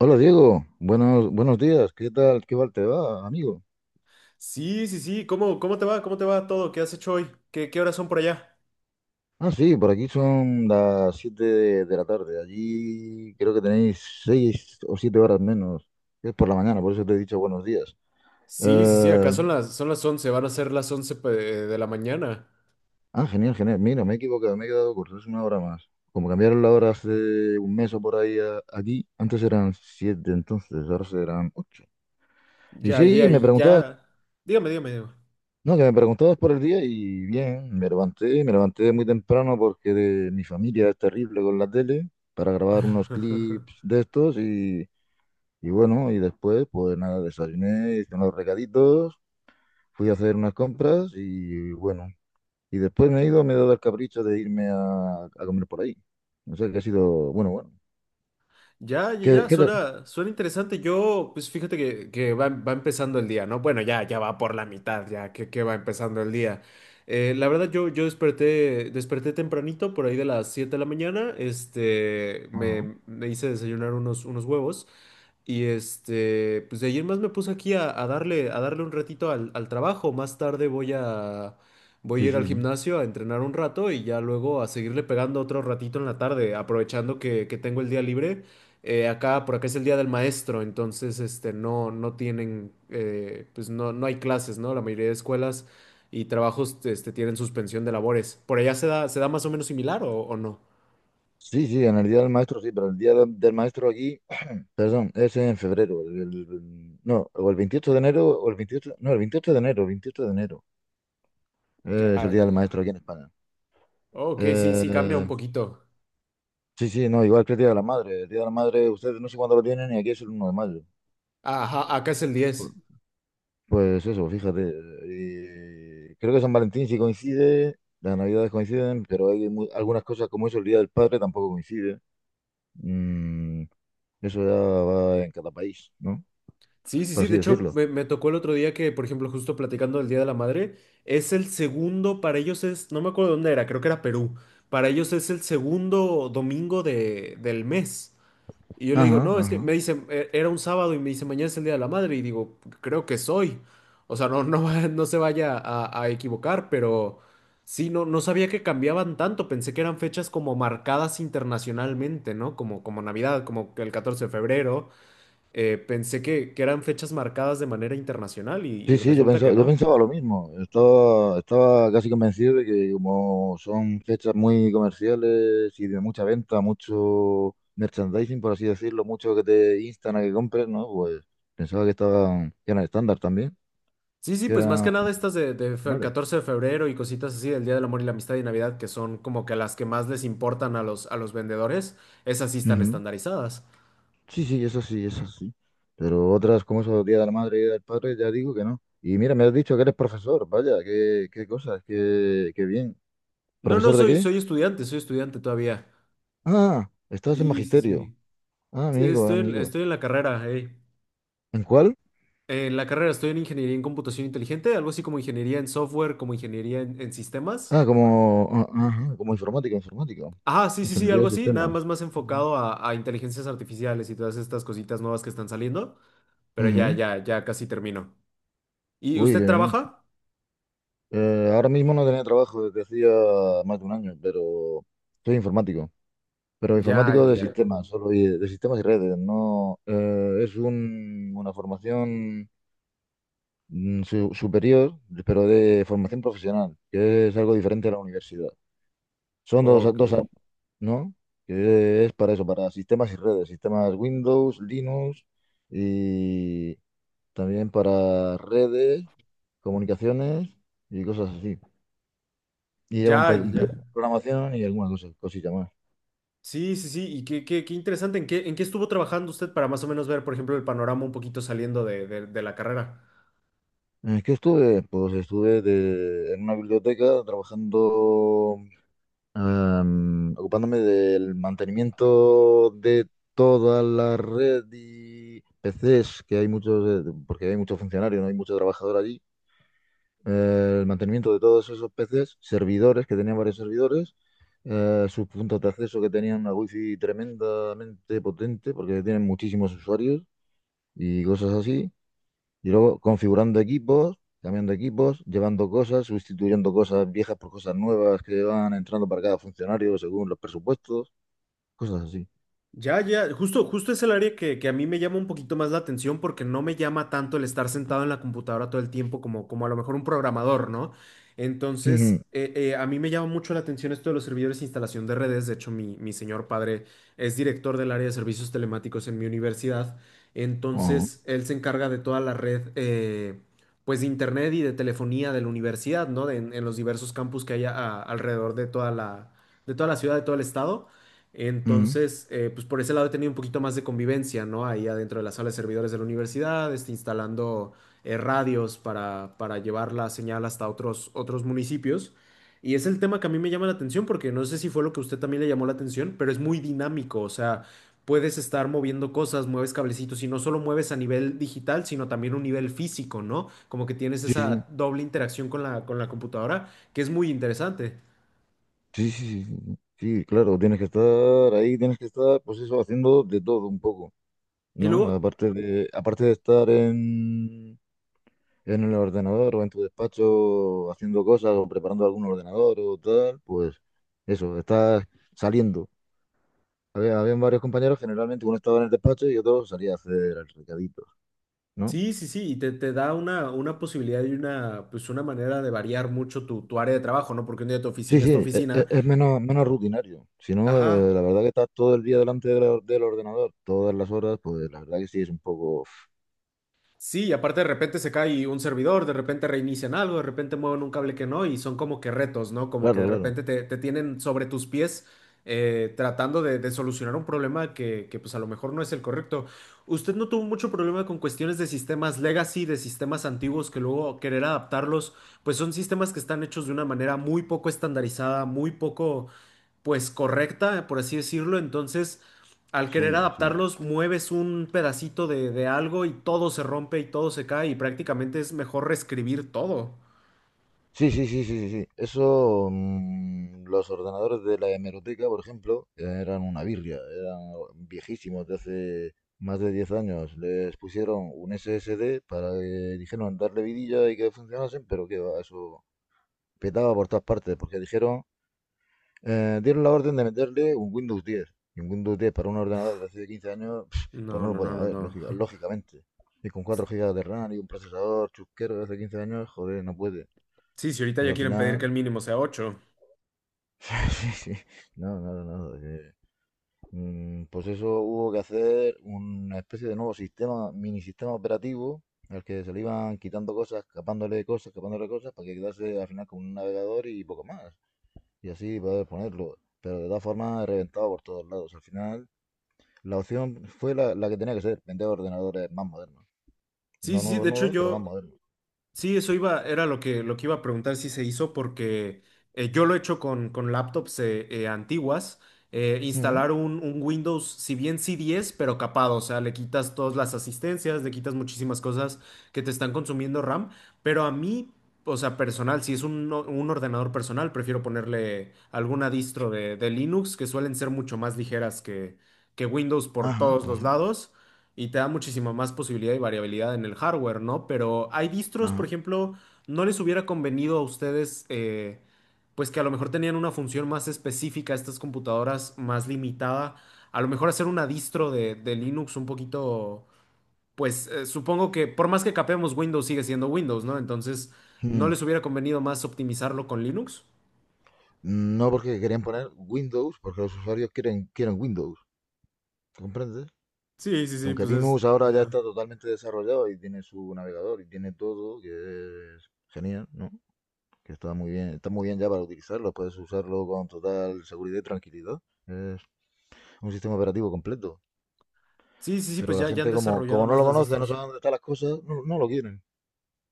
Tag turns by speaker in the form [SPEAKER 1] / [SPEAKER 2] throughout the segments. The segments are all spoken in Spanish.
[SPEAKER 1] Hola Diego, buenos días, ¿qué tal? ¿Qué tal te va, amigo?
[SPEAKER 2] Sí, sí, sí. ¿Cómo te va? ¿Cómo te va todo? ¿Qué has hecho hoy? ¿Qué horas son por allá?
[SPEAKER 1] Ah, sí, por aquí son las 7 de la tarde, allí creo que tenéis 6 o 7 horas menos, es por la mañana, por eso te he dicho buenos días.
[SPEAKER 2] Sí, sí, sí.
[SPEAKER 1] Eh,
[SPEAKER 2] Acá son las 11. Van a ser las 11 de la mañana.
[SPEAKER 1] Genial, genial, mira, me he equivocado, me he quedado corto, es una hora más. Como cambiaron la hora hace un mes o por ahí aquí, antes eran 7, entonces ahora serán 8. Y
[SPEAKER 2] Ya,
[SPEAKER 1] sí,
[SPEAKER 2] ya,
[SPEAKER 1] me preguntaba.
[SPEAKER 2] ya. Dígame, dígame, dígame.
[SPEAKER 1] No, que me preguntó dos por el día y bien, me levanté muy temprano porque mi familia es terrible con la tele para grabar unos clips de estos y bueno, y después pues nada, desayuné, hice unos recaditos, fui a hacer unas compras y bueno, y después me he ido, me he dado el capricho de irme a comer por ahí. No sé, que ha sido, bueno, bueno.
[SPEAKER 2] Ya, ya,
[SPEAKER 1] ¿Qué,
[SPEAKER 2] ya,
[SPEAKER 1] qué tal?
[SPEAKER 2] suena interesante. Yo, pues fíjate que va empezando el día, ¿no? Bueno, ya, ya va por la mitad, ya que va empezando el día. La verdad, yo desperté tempranito, por ahí de las 7 de la mañana. Este,
[SPEAKER 1] Ajá.
[SPEAKER 2] me, me hice desayunar unos huevos. Y pues de ayer más me puse aquí a darle un ratito al trabajo. Más tarde voy a
[SPEAKER 1] Sí,
[SPEAKER 2] ir al
[SPEAKER 1] sí, sí.
[SPEAKER 2] gimnasio a entrenar un rato y ya luego a seguirle pegando otro ratito en la tarde, aprovechando que tengo el día libre. Por acá es el día del maestro, entonces, no tienen, pues no hay clases, ¿no? La mayoría de escuelas y trabajos tienen suspensión de labores. ¿Por allá se da más o menos similar o no?
[SPEAKER 1] Sí, sí, en el día del maestro sí, pero el día del maestro aquí... Perdón, es en febrero. No, o el 28 de enero, o el 28, no, el 28 de enero, 28 de enero. Es
[SPEAKER 2] Ya,
[SPEAKER 1] el Día del
[SPEAKER 2] ya.
[SPEAKER 1] Maestro aquí en España.
[SPEAKER 2] Ok, sí, sí cambia un
[SPEAKER 1] Eh,
[SPEAKER 2] poquito.
[SPEAKER 1] sí, sí, no, igual que el Día de la Madre. El Día de la Madre, ustedes no sé cuándo lo tienen y aquí es el uno de mayo.
[SPEAKER 2] Ajá, acá es el
[SPEAKER 1] Pu-
[SPEAKER 2] 10.
[SPEAKER 1] Pues eso, fíjate. Y creo que San Valentín sí coincide, las Navidades coinciden, pero hay algunas cosas como eso, el Día del Padre tampoco coincide. Mm, eso ya va en cada país, ¿no?
[SPEAKER 2] Sí, sí,
[SPEAKER 1] Por
[SPEAKER 2] sí.
[SPEAKER 1] así
[SPEAKER 2] De hecho,
[SPEAKER 1] decirlo.
[SPEAKER 2] me tocó el otro día que, por ejemplo, justo platicando del Día de la Madre, es el segundo, para ellos es, no me acuerdo dónde era, creo que era Perú. Para ellos es el segundo domingo del mes. Y yo le digo,
[SPEAKER 1] Ajá,
[SPEAKER 2] no, es que
[SPEAKER 1] ajá.
[SPEAKER 2] me dice "Era un sábado y me dice, mañana es el Día de la Madre. Y digo, creo que soy. O sea, no, no, no se vaya a equivocar, pero sí, no sabía que cambiaban tanto. Pensé que eran fechas como marcadas internacionalmente, ¿no? Como Navidad, como el 14 de febrero. Pensé que eran fechas marcadas de manera internacional y
[SPEAKER 1] Sí, sí, yo
[SPEAKER 2] resulta que
[SPEAKER 1] pensaba, yo
[SPEAKER 2] no.
[SPEAKER 1] pensaba lo mismo. Estaba casi convencido de que como son fechas muy comerciales y de mucha venta, mucho merchandising, por así decirlo, mucho que te instan a que compres, ¿no? Pues pensaba que estaban, que eran estándar también,
[SPEAKER 2] Sí, sí,
[SPEAKER 1] que
[SPEAKER 2] pues más
[SPEAKER 1] eran
[SPEAKER 2] que nada estas de
[SPEAKER 1] finales.
[SPEAKER 2] 14 de febrero y cositas así del Día del Amor y la Amistad y Navidad, que son como que las que más les importan a los vendedores, esas sí están
[SPEAKER 1] Ujú.
[SPEAKER 2] estandarizadas.
[SPEAKER 1] Sí, sí, eso sí, eso sí. Pero otras como esos Día de la Madre y Día del Padre, ya digo que no. Y mira, me has dicho que eres profesor, vaya, qué, qué cosas, qué, qué bien.
[SPEAKER 2] No, no,
[SPEAKER 1] ¿Profesor de
[SPEAKER 2] soy,
[SPEAKER 1] qué?
[SPEAKER 2] soy estudiante, soy estudiante todavía.
[SPEAKER 1] Ah, estás en
[SPEAKER 2] Sí, sí,
[SPEAKER 1] magisterio.
[SPEAKER 2] sí.
[SPEAKER 1] Ah,
[SPEAKER 2] Sí,
[SPEAKER 1] amigo,
[SPEAKER 2] Estoy, en-
[SPEAKER 1] amigo.
[SPEAKER 2] estoy en la carrera.
[SPEAKER 1] ¿En cuál?
[SPEAKER 2] En la carrera estoy en ingeniería en computación inteligente, algo así como ingeniería en software, como ingeniería en sistemas.
[SPEAKER 1] Ah, como, ah, ajá, como informática, informática.
[SPEAKER 2] Ajá, sí, sí, sí,
[SPEAKER 1] Ingeniería
[SPEAKER 2] algo
[SPEAKER 1] de
[SPEAKER 2] así, nada más
[SPEAKER 1] sistemas.
[SPEAKER 2] más
[SPEAKER 1] Ujú.
[SPEAKER 2] enfocado a inteligencias artificiales y todas estas cositas nuevas que están saliendo, pero ya,
[SPEAKER 1] Ujú.
[SPEAKER 2] ya, ya casi termino. ¿Y
[SPEAKER 1] Uy, qué
[SPEAKER 2] usted
[SPEAKER 1] bien.
[SPEAKER 2] trabaja?
[SPEAKER 1] Ahora mismo no tenía trabajo desde hacía más de un año, pero soy informático. Pero
[SPEAKER 2] Ya,
[SPEAKER 1] informático de
[SPEAKER 2] ya.
[SPEAKER 1] sistemas, solo de sistemas y redes. No, es una formación superior, pero de formación profesional, que es algo diferente a la universidad. Son dos,
[SPEAKER 2] Ok.
[SPEAKER 1] dos años, ¿no? Que es para eso, para sistemas y redes, sistemas Windows, Linux y también para redes, comunicaciones y cosas así. Y lleva un,
[SPEAKER 2] Ya, ya. Ya.
[SPEAKER 1] programación y alguna cosa, cosilla más.
[SPEAKER 2] Sí, sí, sí, y qué interesante, ¿en qué estuvo trabajando usted para más o menos ver, por ejemplo, el panorama un poquito saliendo de la carrera?
[SPEAKER 1] ¿Qué estuve? Pues estuve en una biblioteca trabajando, em, ocupándome del mantenimiento de toda la red y PCs, que hay muchos, porque hay muchos funcionarios, no hay mucho trabajador allí. Eh, el mantenimiento de todos esos PCs, servidores, que tenían varios servidores, sus puntos de acceso, que tenían una wifi tremendamente potente, porque tienen muchísimos usuarios y cosas así. Y luego configurando equipos, cambiando equipos, llevando cosas, sustituyendo cosas viejas por cosas nuevas que van entrando para cada funcionario según los presupuestos, cosas así.
[SPEAKER 2] Ya, ya, justo es el área que a mí me llama un poquito más la atención porque no me llama tanto el estar sentado en la computadora todo el tiempo como a lo mejor un programador, ¿no?
[SPEAKER 1] Ujú.
[SPEAKER 2] Entonces, a mí me llama mucho la atención esto de los servidores de instalación de redes. De hecho, mi señor padre es director del área de servicios telemáticos en mi universidad.
[SPEAKER 1] Ujú.
[SPEAKER 2] Entonces, él se encarga de toda la red, pues de internet y de telefonía de la universidad, ¿no? En los diversos campus que hay alrededor de toda la ciudad, de todo el estado.
[SPEAKER 1] Ujú.
[SPEAKER 2] Entonces, pues por ese lado he tenido un poquito más de convivencia, ¿no? Ahí adentro de la sala de servidores de la universidad, instalando, radios para llevar la señal hasta otros municipios. Y es el tema que a mí me llama la atención porque no sé si fue lo que a usted también le llamó la atención, pero es muy dinámico, o sea, puedes estar moviendo cosas, mueves cablecitos y no solo mueves a nivel digital, sino también un nivel físico, ¿no? Como que tienes
[SPEAKER 1] Sí, sí,
[SPEAKER 2] esa doble interacción con la computadora, que es muy interesante.
[SPEAKER 1] sí, sí, sí, sí, sí, claro, tienes que estar ahí, tienes que estar, pues eso, haciendo de todo un poco.
[SPEAKER 2] Y
[SPEAKER 1] ¿No?
[SPEAKER 2] luego,
[SPEAKER 1] Aparte de estar en el ordenador o en tu despacho haciendo cosas o preparando algún ordenador o tal, pues eso, estás saliendo. Había, habían varios compañeros, generalmente uno estaba en el despacho y otro salía a hacer el recadito, ¿no?
[SPEAKER 2] sí, sí, sí, y te da una posibilidad y pues una manera de variar mucho tu área de trabajo, ¿no? Porque un día tu
[SPEAKER 1] Sí,
[SPEAKER 2] oficina es
[SPEAKER 1] sí,
[SPEAKER 2] tu oficina,
[SPEAKER 1] es, menos, menos rutinario. Si no,
[SPEAKER 2] ajá,
[SPEAKER 1] la verdad que estás todo el día delante del, del ordenador, todas las horas, pues la verdad que sí es un poco...
[SPEAKER 2] sí, y aparte de repente se cae un servidor, de repente reinician algo, de repente mueven un cable que no, y son como que retos, ¿no? Como que
[SPEAKER 1] Claro,
[SPEAKER 2] de
[SPEAKER 1] claro.
[SPEAKER 2] repente te tienen sobre tus pies, tratando de solucionar un problema que, pues a lo mejor no es el correcto. ¿Usted no tuvo mucho problema con cuestiones de sistemas legacy, de sistemas antiguos que luego querer adaptarlos? Pues son sistemas que están hechos de una manera muy poco estandarizada, muy poco, pues correcta, por así decirlo. Entonces al querer
[SPEAKER 1] Sí, sí.
[SPEAKER 2] adaptarlos, mueves un pedacito de algo y todo se rompe y todo se cae y prácticamente es mejor reescribir todo.
[SPEAKER 1] Sí, sí, sí, sí, sí, sí. Eso, mm, los ordenadores de la hemeroteca, por ejemplo, eran una birria, eran viejísimos de hace más de 10 años. Les pusieron un SSD para que dijeron darle vidilla y que funcionasen, pero que va, eso petaba por todas partes, porque dijeron, dieron la orden de meterle un Windows 10. Y un Windows 10 para un ordenador de hace 15 años, pues
[SPEAKER 2] No,
[SPEAKER 1] no lo
[SPEAKER 2] no, no,
[SPEAKER 1] podemos
[SPEAKER 2] no,
[SPEAKER 1] ver,
[SPEAKER 2] no.
[SPEAKER 1] lógicamente. Y con 4 GB de RAM y un procesador chusquero de hace 15 años, joder, no puede.
[SPEAKER 2] Sí, si ahorita
[SPEAKER 1] Pues
[SPEAKER 2] ya
[SPEAKER 1] al
[SPEAKER 2] quieren pedir que
[SPEAKER 1] final
[SPEAKER 2] el mínimo sea 8.
[SPEAKER 1] sí, sí. No, no, no, no, mm, pues eso hubo que hacer una especie de nuevo sistema, mini sistema operativo, al que se le iban quitando cosas, escapándole cosas, escapándole cosas, para que quedase al final con un navegador y poco más. Y así poder ponerlo. Pero de todas formas, reventado por todos lados. Al final, la opción fue la, la que tenía que ser, vender ordenadores más modernos.
[SPEAKER 2] Sí,
[SPEAKER 1] No
[SPEAKER 2] sí, sí,
[SPEAKER 1] nuevos,
[SPEAKER 2] de hecho
[SPEAKER 1] nuevos, sí, pero más sí,
[SPEAKER 2] yo,
[SPEAKER 1] modernos.
[SPEAKER 2] sí, eso iba, era lo que, iba a preguntar si se hizo, porque yo lo he hecho con laptops antiguas. eh,
[SPEAKER 1] Ujú.
[SPEAKER 2] instalar un Windows, si bien sí 10 pero capado, o sea, le quitas todas las asistencias, le quitas muchísimas cosas que te están consumiendo RAM, pero a mí, o sea, personal, si es un ordenador personal, prefiero ponerle alguna distro de Linux, que suelen ser mucho más ligeras que Windows por
[SPEAKER 1] Ajá,
[SPEAKER 2] todos los
[SPEAKER 1] ajá,
[SPEAKER 2] lados. Y te da muchísima más posibilidad y variabilidad en el hardware, ¿no? Pero hay distros, por
[SPEAKER 1] ajá.
[SPEAKER 2] ejemplo, no les hubiera convenido a ustedes, pues que a lo mejor tenían una función más específica, estas computadoras más limitada, a lo mejor hacer una distro de Linux un poquito, pues supongo que por más que capemos Windows sigue siendo Windows, ¿no? Entonces, ¿no
[SPEAKER 1] Mm.
[SPEAKER 2] les hubiera convenido más optimizarlo con Linux?
[SPEAKER 1] No porque querían poner Windows, porque los usuarios quieren, quieren Windows, ¿comprendes?
[SPEAKER 2] Sí, sí, sí,
[SPEAKER 1] Aunque
[SPEAKER 2] pues
[SPEAKER 1] Linux
[SPEAKER 2] es
[SPEAKER 1] ahora ya
[SPEAKER 2] ya.
[SPEAKER 1] está totalmente desarrollado y tiene su navegador y tiene todo, que es genial, ¿no? Que está muy bien ya para utilizarlo, puedes usarlo con total seguridad y tranquilidad. Es un sistema operativo completo.
[SPEAKER 2] Sí, sí, sí, pues
[SPEAKER 1] Pero la
[SPEAKER 2] ya han
[SPEAKER 1] gente como,
[SPEAKER 2] desarrollado
[SPEAKER 1] como no
[SPEAKER 2] más
[SPEAKER 1] lo
[SPEAKER 2] las
[SPEAKER 1] conoce, no
[SPEAKER 2] distros.
[SPEAKER 1] sabe dónde están las cosas, no, no lo quieren.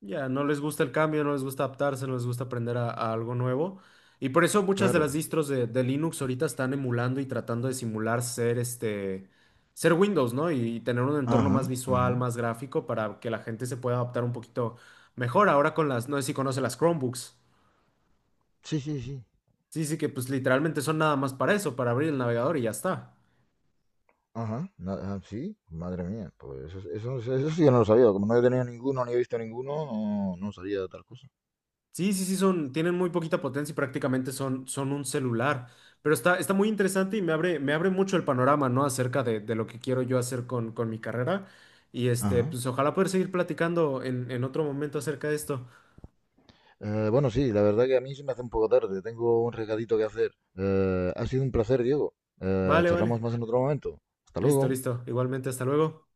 [SPEAKER 2] Ya, no les gusta el cambio, no les gusta adaptarse, no les gusta aprender a algo nuevo. Y por eso muchas de las
[SPEAKER 1] Claro.
[SPEAKER 2] distros de Linux ahorita están emulando y tratando de simular ser Windows, ¿no? Y, tener un entorno más
[SPEAKER 1] Ajá,
[SPEAKER 2] visual,
[SPEAKER 1] ajá.
[SPEAKER 2] más gráfico para que la gente se pueda adaptar un poquito mejor. Ahora no sé si conoce las Chromebooks.
[SPEAKER 1] Sí, sí, sí.
[SPEAKER 2] Sí, sí, que pues literalmente son nada más para eso, para abrir el navegador y ya está.
[SPEAKER 1] Ajá. Sí, madre mía. Pues eso sí que no lo sabía. Como no he tenido ninguno ni he visto ninguno, no, no sabía de tal cosa.
[SPEAKER 2] Sí, sí, sí, son, tienen muy poquita potencia y prácticamente son un celular. Pero está muy interesante y me abre mucho el panorama, ¿no? Acerca de lo que quiero yo hacer con mi carrera. Y
[SPEAKER 1] Ajá.
[SPEAKER 2] pues ojalá poder seguir platicando en otro momento acerca de esto.
[SPEAKER 1] Bueno, sí, la verdad que a mí se me hace un poco tarde. Tengo un recadito que hacer. Ha sido un placer, Diego.
[SPEAKER 2] Vale,
[SPEAKER 1] Charlamos
[SPEAKER 2] vale.
[SPEAKER 1] más en otro momento. Hasta
[SPEAKER 2] Listo,
[SPEAKER 1] luego.
[SPEAKER 2] listo. Igualmente, hasta luego.